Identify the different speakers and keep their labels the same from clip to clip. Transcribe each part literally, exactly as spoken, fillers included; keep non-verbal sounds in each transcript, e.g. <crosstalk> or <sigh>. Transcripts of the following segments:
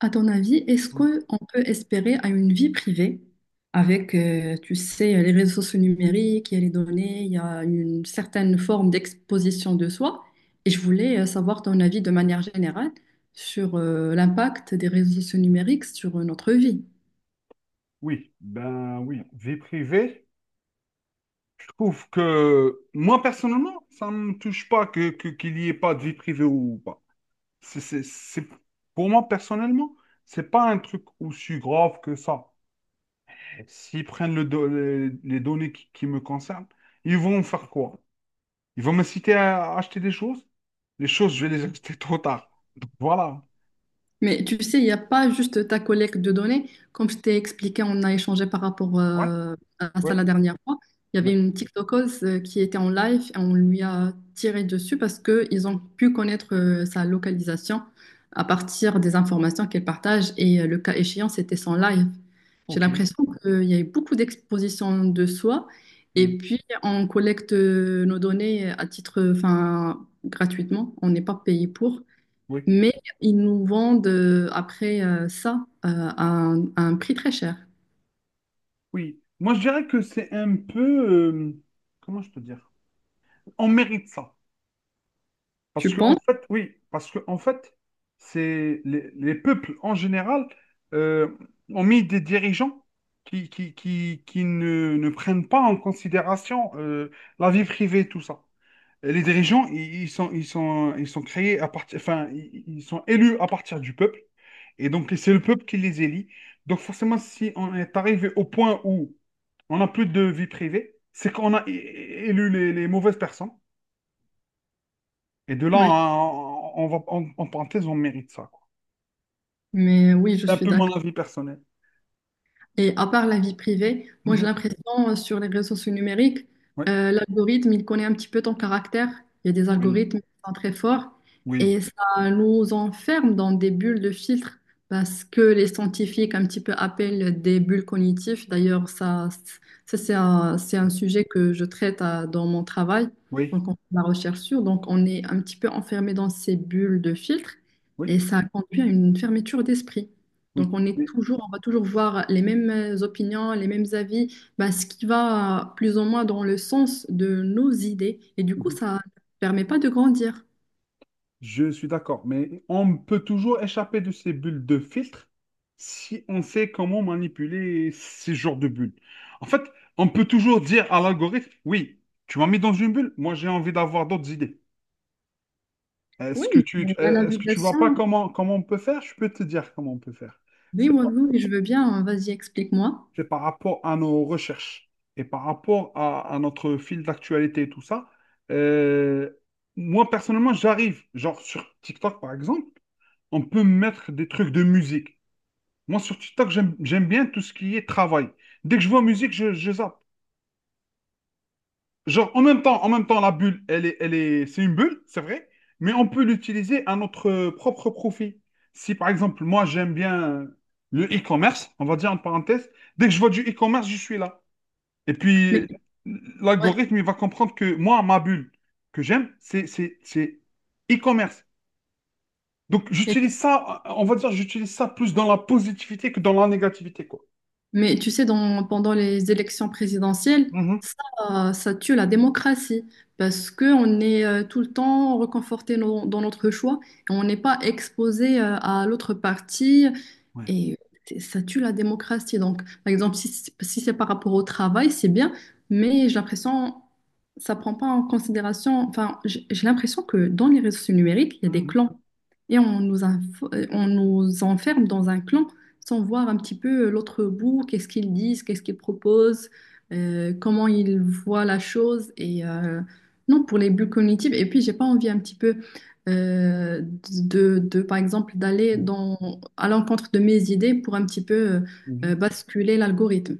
Speaker 1: À ton avis, est-ce
Speaker 2: Ou-
Speaker 1: qu'on peut espérer à une vie privée avec, euh, tu sais, les réseaux sociaux numériques, il y a les données, il y a une certaine forme d'exposition de soi. Et je voulais euh, savoir ton avis de manière générale sur euh, l'impact des réseaux sociaux numériques sur euh, notre vie.
Speaker 2: Oui, ben oui, vie privée. Je trouve que moi personnellement, ça ne me touche pas que, que- qu'il n'y ait pas de vie privée ou pas. C'est, c'est, c'est- pour moi personnellement, c'est pas un truc aussi grave que ça. S'ils prennent le do- les, les données qui, qui me concernent, ils vont faire quoi? Ils vont me citer à acheter des choses? Les choses, je vais les <laughs> acheter trop tard. Donc, voilà.
Speaker 1: Mais tu sais, il n'y a pas juste ta collecte de données. Comme je t'ai expliqué, on a échangé par rapport
Speaker 2: Ouais,
Speaker 1: euh, à ça
Speaker 2: ouais,
Speaker 1: la dernière fois. Il y avait
Speaker 2: ouais.
Speaker 1: une TikTokeuse euh, qui était en live et on lui a tiré dessus parce qu'ils ont pu connaître euh, sa localisation à partir des informations qu'elle partage et euh, le cas échéant, c'était son live. J'ai
Speaker 2: Ok.
Speaker 1: l'impression qu'il y a eu beaucoup d'expositions de soi
Speaker 2: Mm.
Speaker 1: et puis on collecte euh, nos données à titre, enfin, gratuitement. On n'est pas payé pour.
Speaker 2: Oui.
Speaker 1: Mais ils nous vendent euh, après euh, ça euh, à un, à un prix très cher.
Speaker 2: Oui, moi je dirais que c'est un peu, euh, comment je peux dire, on mérite ça. Parce
Speaker 1: Tu
Speaker 2: que en
Speaker 1: penses?
Speaker 2: fait, oui, parce que en fait, c'est les, les peuples en général euh, ont mis des dirigeants qui, qui, qui, qui ne, ne prennent pas en considération euh, la vie privée, tout ça. Et les dirigeants, ils, ils sont, ils sont, ils sont créés à partir, enfin, ils ils sont élus à partir du peuple. Et donc, c'est le peuple qui les élit. Donc, forcément, si on est arrivé au point où on n'a plus de vie privée, c'est qu'on a é- é- élu les, les mauvaises personnes. Et de là,
Speaker 1: Oui.
Speaker 2: on, on va, en, en parenthèse, on mérite ça, quoi.
Speaker 1: Mais oui, je
Speaker 2: C'est un
Speaker 1: suis
Speaker 2: peu
Speaker 1: d'accord.
Speaker 2: mon avis personnel.
Speaker 1: Et à part la vie privée,
Speaker 2: <laughs>
Speaker 1: moi j'ai
Speaker 2: Mhm.
Speaker 1: l'impression euh, sur les réseaux sociaux numériques,
Speaker 2: Ouais.
Speaker 1: euh, l'algorithme, il connaît un petit peu ton caractère. Il y a des
Speaker 2: Oui,
Speaker 1: algorithmes qui sont très forts
Speaker 2: oui.
Speaker 1: et ça nous enferme dans des bulles de filtres parce que les scientifiques un petit peu appellent des bulles cognitives. D'ailleurs, ça, ça c'est un, c'est un sujet que je traite euh, dans mon travail,
Speaker 2: Oui,
Speaker 1: donc on fait de la recherche sur. Donc on est un petit peu enfermé dans ces bulles de filtres
Speaker 2: oui,
Speaker 1: et ça conduit à une fermeture d'esprit. Donc,
Speaker 2: oui.
Speaker 1: on est toujours, on va toujours voir les mêmes euh, opinions, les mêmes avis, ben, ce qui va plus ou moins dans le sens de nos idées. Et du coup,
Speaker 2: Mais-
Speaker 1: ça ne permet pas de grandir.
Speaker 2: Je suis d'accord, mais on peut toujours échapper de ces bulles de filtre si on sait comment manipuler ces genres de bulles. En fait, on peut toujours dire à l'algorithme, oui, tu m'as mis dans une bulle, moi j'ai envie d'avoir d'autres idées.
Speaker 1: Oui,
Speaker 2: Est-ce que tu,
Speaker 1: mais la
Speaker 2: euh, est-ce que tu vois pas
Speaker 1: navigation,
Speaker 2: comment, comment on peut faire? Je peux te dire comment on peut faire.
Speaker 1: oui,
Speaker 2: C'est
Speaker 1: oui,
Speaker 2: par,
Speaker 1: oui, je veux bien, hein, vas-y, explique-moi.
Speaker 2: c'est par rapport à nos recherches et par rapport à, à notre fil d'actualité et tout ça. Euh, Moi, personnellement, j'arrive, genre sur TikTok par exemple. On peut mettre des trucs de musique. Moi, sur TikTok, j'aime, j'aime bien tout ce qui est travail. Dès que je vois musique, je, je zappe. Genre, en même temps, en même temps, la bulle, elle est, elle est, c'est une bulle, c'est vrai, mais on peut l'utiliser à notre euh, propre profit. Si, par exemple, moi, j'aime bien euh, le e-commerce, on va dire en parenthèse, dès que je vois du e-commerce, je suis là. Et
Speaker 1: Mais
Speaker 2: puis,
Speaker 1: ouais.
Speaker 2: l'algorithme, il va comprendre que moi, ma bulle que j'aime, c'est, c'est, c'est e-commerce. Donc,
Speaker 1: Et
Speaker 2: j'utilise ça, on va dire, j'utilise ça plus dans la positivité que dans la négativité, quoi.
Speaker 1: Mais tu sais, dans- pendant les élections présidentielles,
Speaker 2: Mhm.
Speaker 1: ça, ça tue la démocratie parce qu'on est euh, tout le temps reconforté no- dans notre choix et on n'est pas exposé euh, à l'autre parti
Speaker 2: Ouais.
Speaker 1: et c'est- ça tue la démocratie. Donc, par exemple, si, c'est- si c'est par rapport au travail, c'est bien, mais j'ai l'impression ça prend pas en considération. Enfin, j'ai j'ai l'impression que dans les réseaux numériques, il y a des
Speaker 2: Mhm.
Speaker 1: clans et on nous, info- on nous enferme dans un clan sans voir un petit peu euh, l'autre bout, qu'est-ce qu'ils disent, qu'est-ce qu'ils proposent, euh, comment ils voient la chose. Et euh, non, pour les bulles cognitives. Et puis, j'ai pas envie un petit peu euh, de, de, par exemple, d'aller dans, à l'encontre de mes idées pour un petit peu euh, euh,
Speaker 2: Mhm.
Speaker 1: basculer l'algorithme.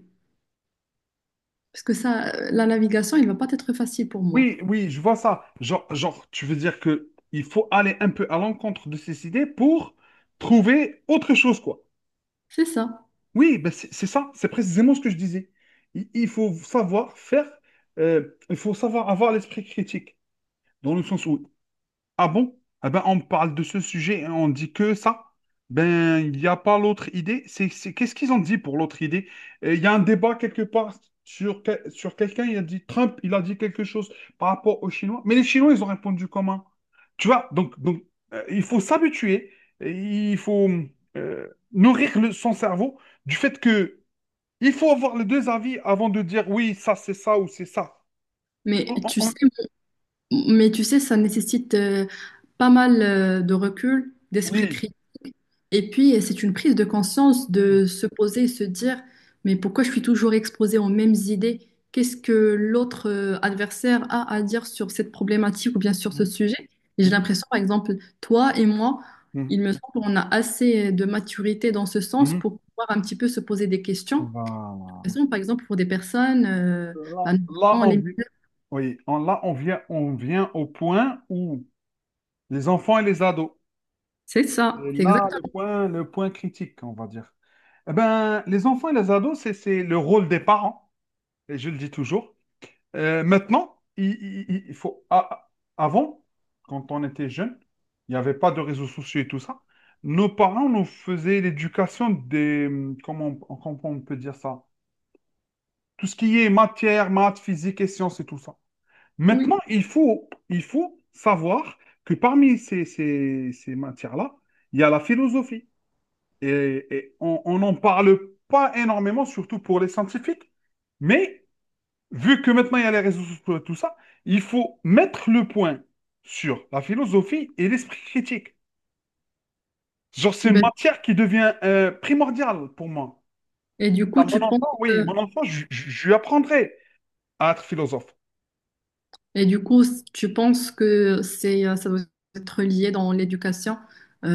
Speaker 1: Parce que ça, euh, la navigation, elle va pas être facile pour moi.
Speaker 2: Oui, oui, je vois ça. Genre, genre, tu veux dire que il faut aller un peu à l'encontre de ces idées pour trouver autre chose, quoi.
Speaker 1: C'est ça.
Speaker 2: Oui, ben c'est c'est ça, c'est précisément ce que je disais. Il, il faut savoir faire, euh, il faut savoir avoir l'esprit critique, dans le sens où Ah bon? Eh ben, on parle de ce sujet et on dit que ça. Ben, il n'y a pas l'autre idée. C'est, c'est- Qu'est-ce qu'ils ont dit pour l'autre idée? Euh, Il y a un débat quelque part sur, que- sur quelqu'un. Il a dit Trump, il a dit quelque chose par rapport aux Chinois. Mais les Chinois, ils ont répondu comment? Tu vois, donc, donc euh, il faut s'habituer. Il faut euh, nourrir le- son cerveau du fait que il faut avoir les deux avis avant de dire oui, ça c'est ça ou c'est ça.
Speaker 1: Mais
Speaker 2: On- on-
Speaker 1: tu sais
Speaker 2: on-
Speaker 1: Mais tu sais, ça nécessite euh, pas mal euh, de recul, d'esprit
Speaker 2: Oui.
Speaker 1: critique. Et puis, euh, c'est une prise de conscience de se poser et se dire, mais pourquoi je suis toujours exposée aux mêmes idées? Qu'est-ce que l'autre euh, adversaire a à dire sur cette problématique ou bien sur ce
Speaker 2: Mhm.
Speaker 1: sujet? Et j'ai l'impression, par exemple, toi et moi,
Speaker 2: Mhm.
Speaker 1: il me semble qu'on a assez de maturité dans ce sens
Speaker 2: Mhm.
Speaker 1: pour pouvoir un petit peu se poser des questions.
Speaker 2: Voilà.
Speaker 1: Par exemple, pour des personnes, euh, bah,
Speaker 2: Là, là,
Speaker 1: notamment
Speaker 2: on,
Speaker 1: les...
Speaker 2: vi- oui, on- là, on vient, on vient au point où les enfants et les ados.
Speaker 1: C'est ça,
Speaker 2: Et
Speaker 1: c'est exact.
Speaker 2: là, le point, le point critique, on va dire. Eh ben, les enfants et les ados, c'est, c'est le rôle des parents, et je le dis toujours. Euh, maintenant, il, il- il faut, a- avant, quand on était jeune, il n'y avait pas de réseaux sociaux et tout ça. Nos parents nous faisaient l'éducation des, comment on comment on peut dire ça? Tout ce qui est matière, maths, physique et sciences et tout ça.
Speaker 1: Oui.
Speaker 2: Maintenant, il faut, il faut savoir que parmi ces, ces- ces matières-là, il y a la philosophie. Et, et on on n'en parle pas énormément, surtout pour les scientifiques. Mais vu que maintenant il y a les réseaux sociaux et tout ça, il faut mettre le point sur la philosophie et l'esprit critique. Genre, c'est une
Speaker 1: Ben,
Speaker 2: matière qui devient euh, primordiale pour moi.
Speaker 1: Et du
Speaker 2: À
Speaker 1: coup,
Speaker 2: mon
Speaker 1: tu penses
Speaker 2: enfant, oui, mon
Speaker 1: que,
Speaker 2: enfant, je je- je lui apprendrai à être philosophe.
Speaker 1: et du coup, tu penses que c'est, euh, ça doit être lié dans l'éducation.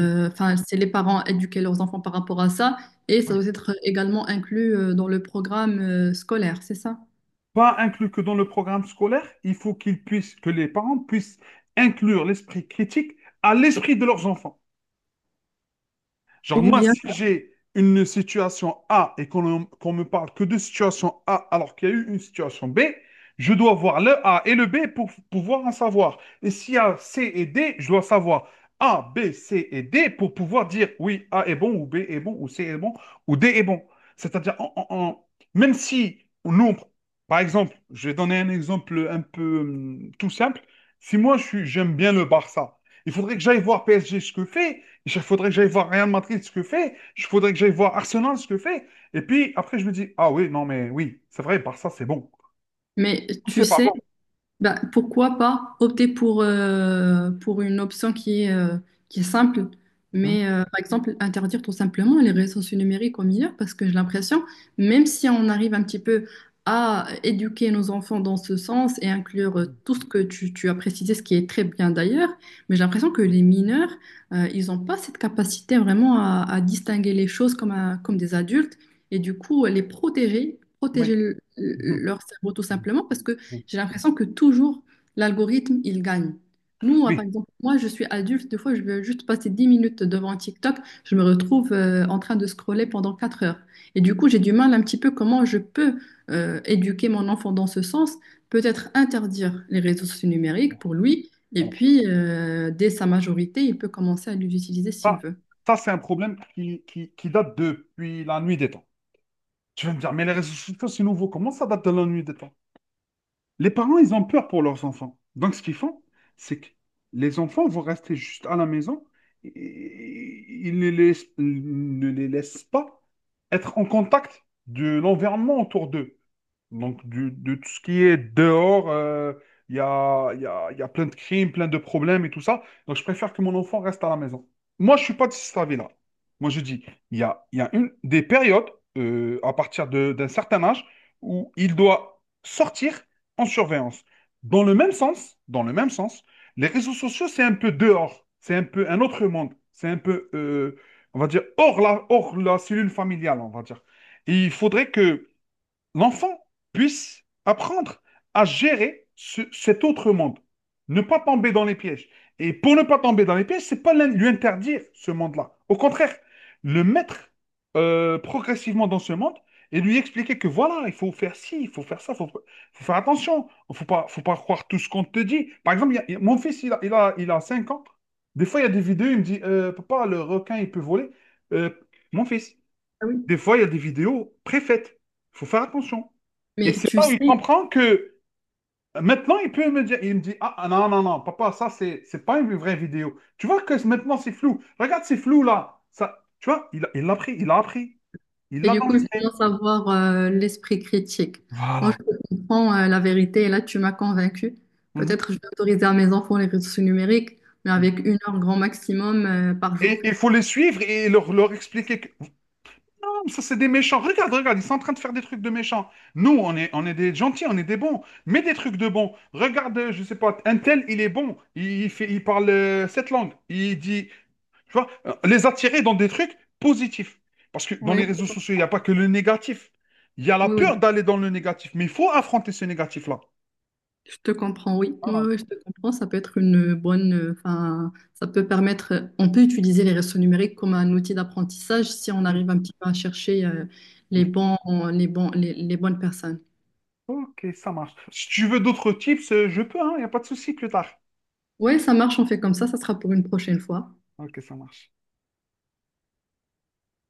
Speaker 2: Oui.
Speaker 1: Enfin, c'est les parents éduquer leurs enfants par rapport à ça, et ça doit être également inclus euh, dans le programme euh, scolaire, c'est ça?
Speaker 2: Pas inclus que dans le programme scolaire, il faut qu'ils puissent, que les parents puissent inclure l'esprit critique à l'esprit de leurs enfants. Genre,
Speaker 1: Ou
Speaker 2: moi,
Speaker 1: bien,
Speaker 2: si j'ai une situation A et qu'on qu'on me parle que de situation A alors qu'il y a eu une situation B, je dois voir le A et le B pour pouvoir en savoir. Et s'il y a C et D, je dois savoir A, B, C et D pour pouvoir dire oui, A est bon ou B est bon ou C est bon ou D est bon. C'est-à-dire, en- en- en- même si nous, par exemple, je vais donner un exemple un peu hum, tout simple. Si moi, je suis, j'aime bien le Barça, il faudrait que j'aille voir P S G ce que fait. Il faudrait que j'aille voir Real Madrid ce que fait. Il faudrait que j'aille voir Arsenal ce que fait. Et puis après, je me dis, ah oui, non, mais oui, c'est vrai, Barça, c'est bon.
Speaker 1: mais
Speaker 2: Ou
Speaker 1: tu
Speaker 2: c'est pas
Speaker 1: sais,
Speaker 2: bon.
Speaker 1: ben, pourquoi pas opter pour, euh, pour une option qui est, euh, qui est simple,
Speaker 2: Hmm,
Speaker 1: mais euh, par exemple interdire tout simplement les réseaux sociaux numériques aux mineurs, parce que j'ai l'impression, même si on arrive un petit peu à éduquer nos enfants dans ce sens et inclure euh, tout ce que tu, tu as précisé, ce qui est très bien d'ailleurs, mais j'ai l'impression que les mineurs, euh, ils n'ont pas cette capacité vraiment à, à distinguer les choses comme, un- comme des adultes, et du coup les protéger,
Speaker 2: oui.
Speaker 1: protéger le- le-
Speaker 2: Mhm,
Speaker 1: leur cerveau tout
Speaker 2: mhm,
Speaker 1: simplement, parce que
Speaker 2: mhm.
Speaker 1: j'ai l'impression que toujours, l'algorithme, il gagne. Nous, euh, par
Speaker 2: Oui.
Speaker 1: exemple, moi, je suis adulte, des fois, je veux juste passer dix minutes devant TikTok, je me retrouve euh, en train de scroller pendant quatre heures. Et du coup, j'ai du mal un petit peu comment je peux euh, éduquer mon enfant dans ce sens, peut-être interdire les réseaux sociaux numériques pour lui, et
Speaker 2: Alors,
Speaker 1: puis, euh, dès sa majorité, il peut commencer à les utiliser s'il
Speaker 2: ça,
Speaker 1: veut.
Speaker 2: ça c'est un problème qui, qui, qui date depuis la nuit des temps. Tu vas me dire, mais les réseaux sociaux, c'est nouveau. Comment ça date de la nuit des temps? Les parents, ils ont peur pour leurs enfants. Donc, ce qu'ils font, c'est que les enfants vont rester juste à la maison. et- Ils ne les, ne les laissent pas être en contact de l'environnement autour d'eux. Donc, du- de tout ce qui est dehors, euh, il y a, il y a- il y a plein de crimes, plein de problèmes et tout ça. Donc, je préfère que mon enfant reste à la maison. Moi, je ne suis pas de cet avis-là. Moi, je dis, il y a, il y a une, des périodes, euh, à partir de- d'un certain âge, où il doit sortir en surveillance. Dans le même sens, dans le même sens, les réseaux sociaux, c'est un peu dehors. C'est un peu un autre monde. C'est un peu, euh, on va dire, hors la, hors la cellule familiale, on va dire. Et il faudrait que l'enfant puisse apprendre à gérer ce- cet autre monde, ne pas tomber dans les pièges. Et pour ne pas tomber dans les pièges, c'est pas l'in- lui interdire ce monde-là. Au contraire, le mettre euh, progressivement dans ce monde et lui expliquer que voilà, il faut faire ci, il faut faire ça, il faut, faut faire attention, il faut pas, faut pas croire tout ce qu'on te dit. Par exemple, il y a- il y a- mon fils, il a, il a, il a cinq ans. Des fois, il y a des vidéos, il me dit, euh, papa, le requin, il peut voler. Euh, Mon fils,
Speaker 1: Ah oui.
Speaker 2: des fois, il y a des vidéos préfaites. Il faut faire attention. Et
Speaker 1: Mais
Speaker 2: c'est
Speaker 1: tu
Speaker 2: là où il
Speaker 1: sais,
Speaker 2: comprend que maintenant, il peut me dire, il me dit, ah ah, non, non, non, papa, ça, c'est, c'est pas une vraie vidéo. Tu vois que maintenant, c'est flou. Regarde, c'est flou là. Ça, tu vois, il, il l'a pris, il l'a appris. Il
Speaker 1: et
Speaker 2: l'a
Speaker 1: du
Speaker 2: dans
Speaker 1: coup, il
Speaker 2: l'esprit.
Speaker 1: commence à avoir euh, l'esprit critique. Moi,
Speaker 2: Voilà.
Speaker 1: je comprends euh, la vérité et là, tu m'as convaincue.
Speaker 2: Mhm.
Speaker 1: Peut-être je vais autoriser à mes enfants les réseaux numériques, mais
Speaker 2: Mhm.
Speaker 1: avec une heure grand maximum euh, par
Speaker 2: Et
Speaker 1: jour.
Speaker 2: il faut les suivre et leur, leur expliquer que ça, c'est des méchants. Regarde, regarde, ils sont en train de faire des trucs de méchants. Nous, on est, on est des gentils, on est des bons. Mais des trucs de bons. Regarde, euh, je sais pas, un tel, il est bon. Il, il fait, il parle euh, cette langue. Il dit, tu vois, euh, les attirer dans des trucs positifs. Parce que dans
Speaker 1: Oui,
Speaker 2: les réseaux sociaux, il n'y a pas que le négatif. Il y a la
Speaker 1: oui, oui.
Speaker 2: peur d'aller dans le négatif. Mais il faut affronter ce négatif-là.
Speaker 1: Je te comprends, oui. Oui,
Speaker 2: Voilà.
Speaker 1: oui, je te comprends. Ça peut être une bonne. euh, Enfin, ça peut permettre. euh, On peut utiliser les réseaux numériques comme un outil d'apprentissage si on
Speaker 2: Mm.
Speaker 1: arrive un petit peu à chercher euh,
Speaker 2: Mm.
Speaker 1: les bons, les bons, les, les bonnes personnes.
Speaker 2: Ok, ça marche. Si tu veux d'autres tips, euh, je peux, hein, il n'y a pas de souci plus tard.
Speaker 1: Oui, ça marche, on fait comme ça. Ça sera pour une prochaine fois.
Speaker 2: Ok, ça marche.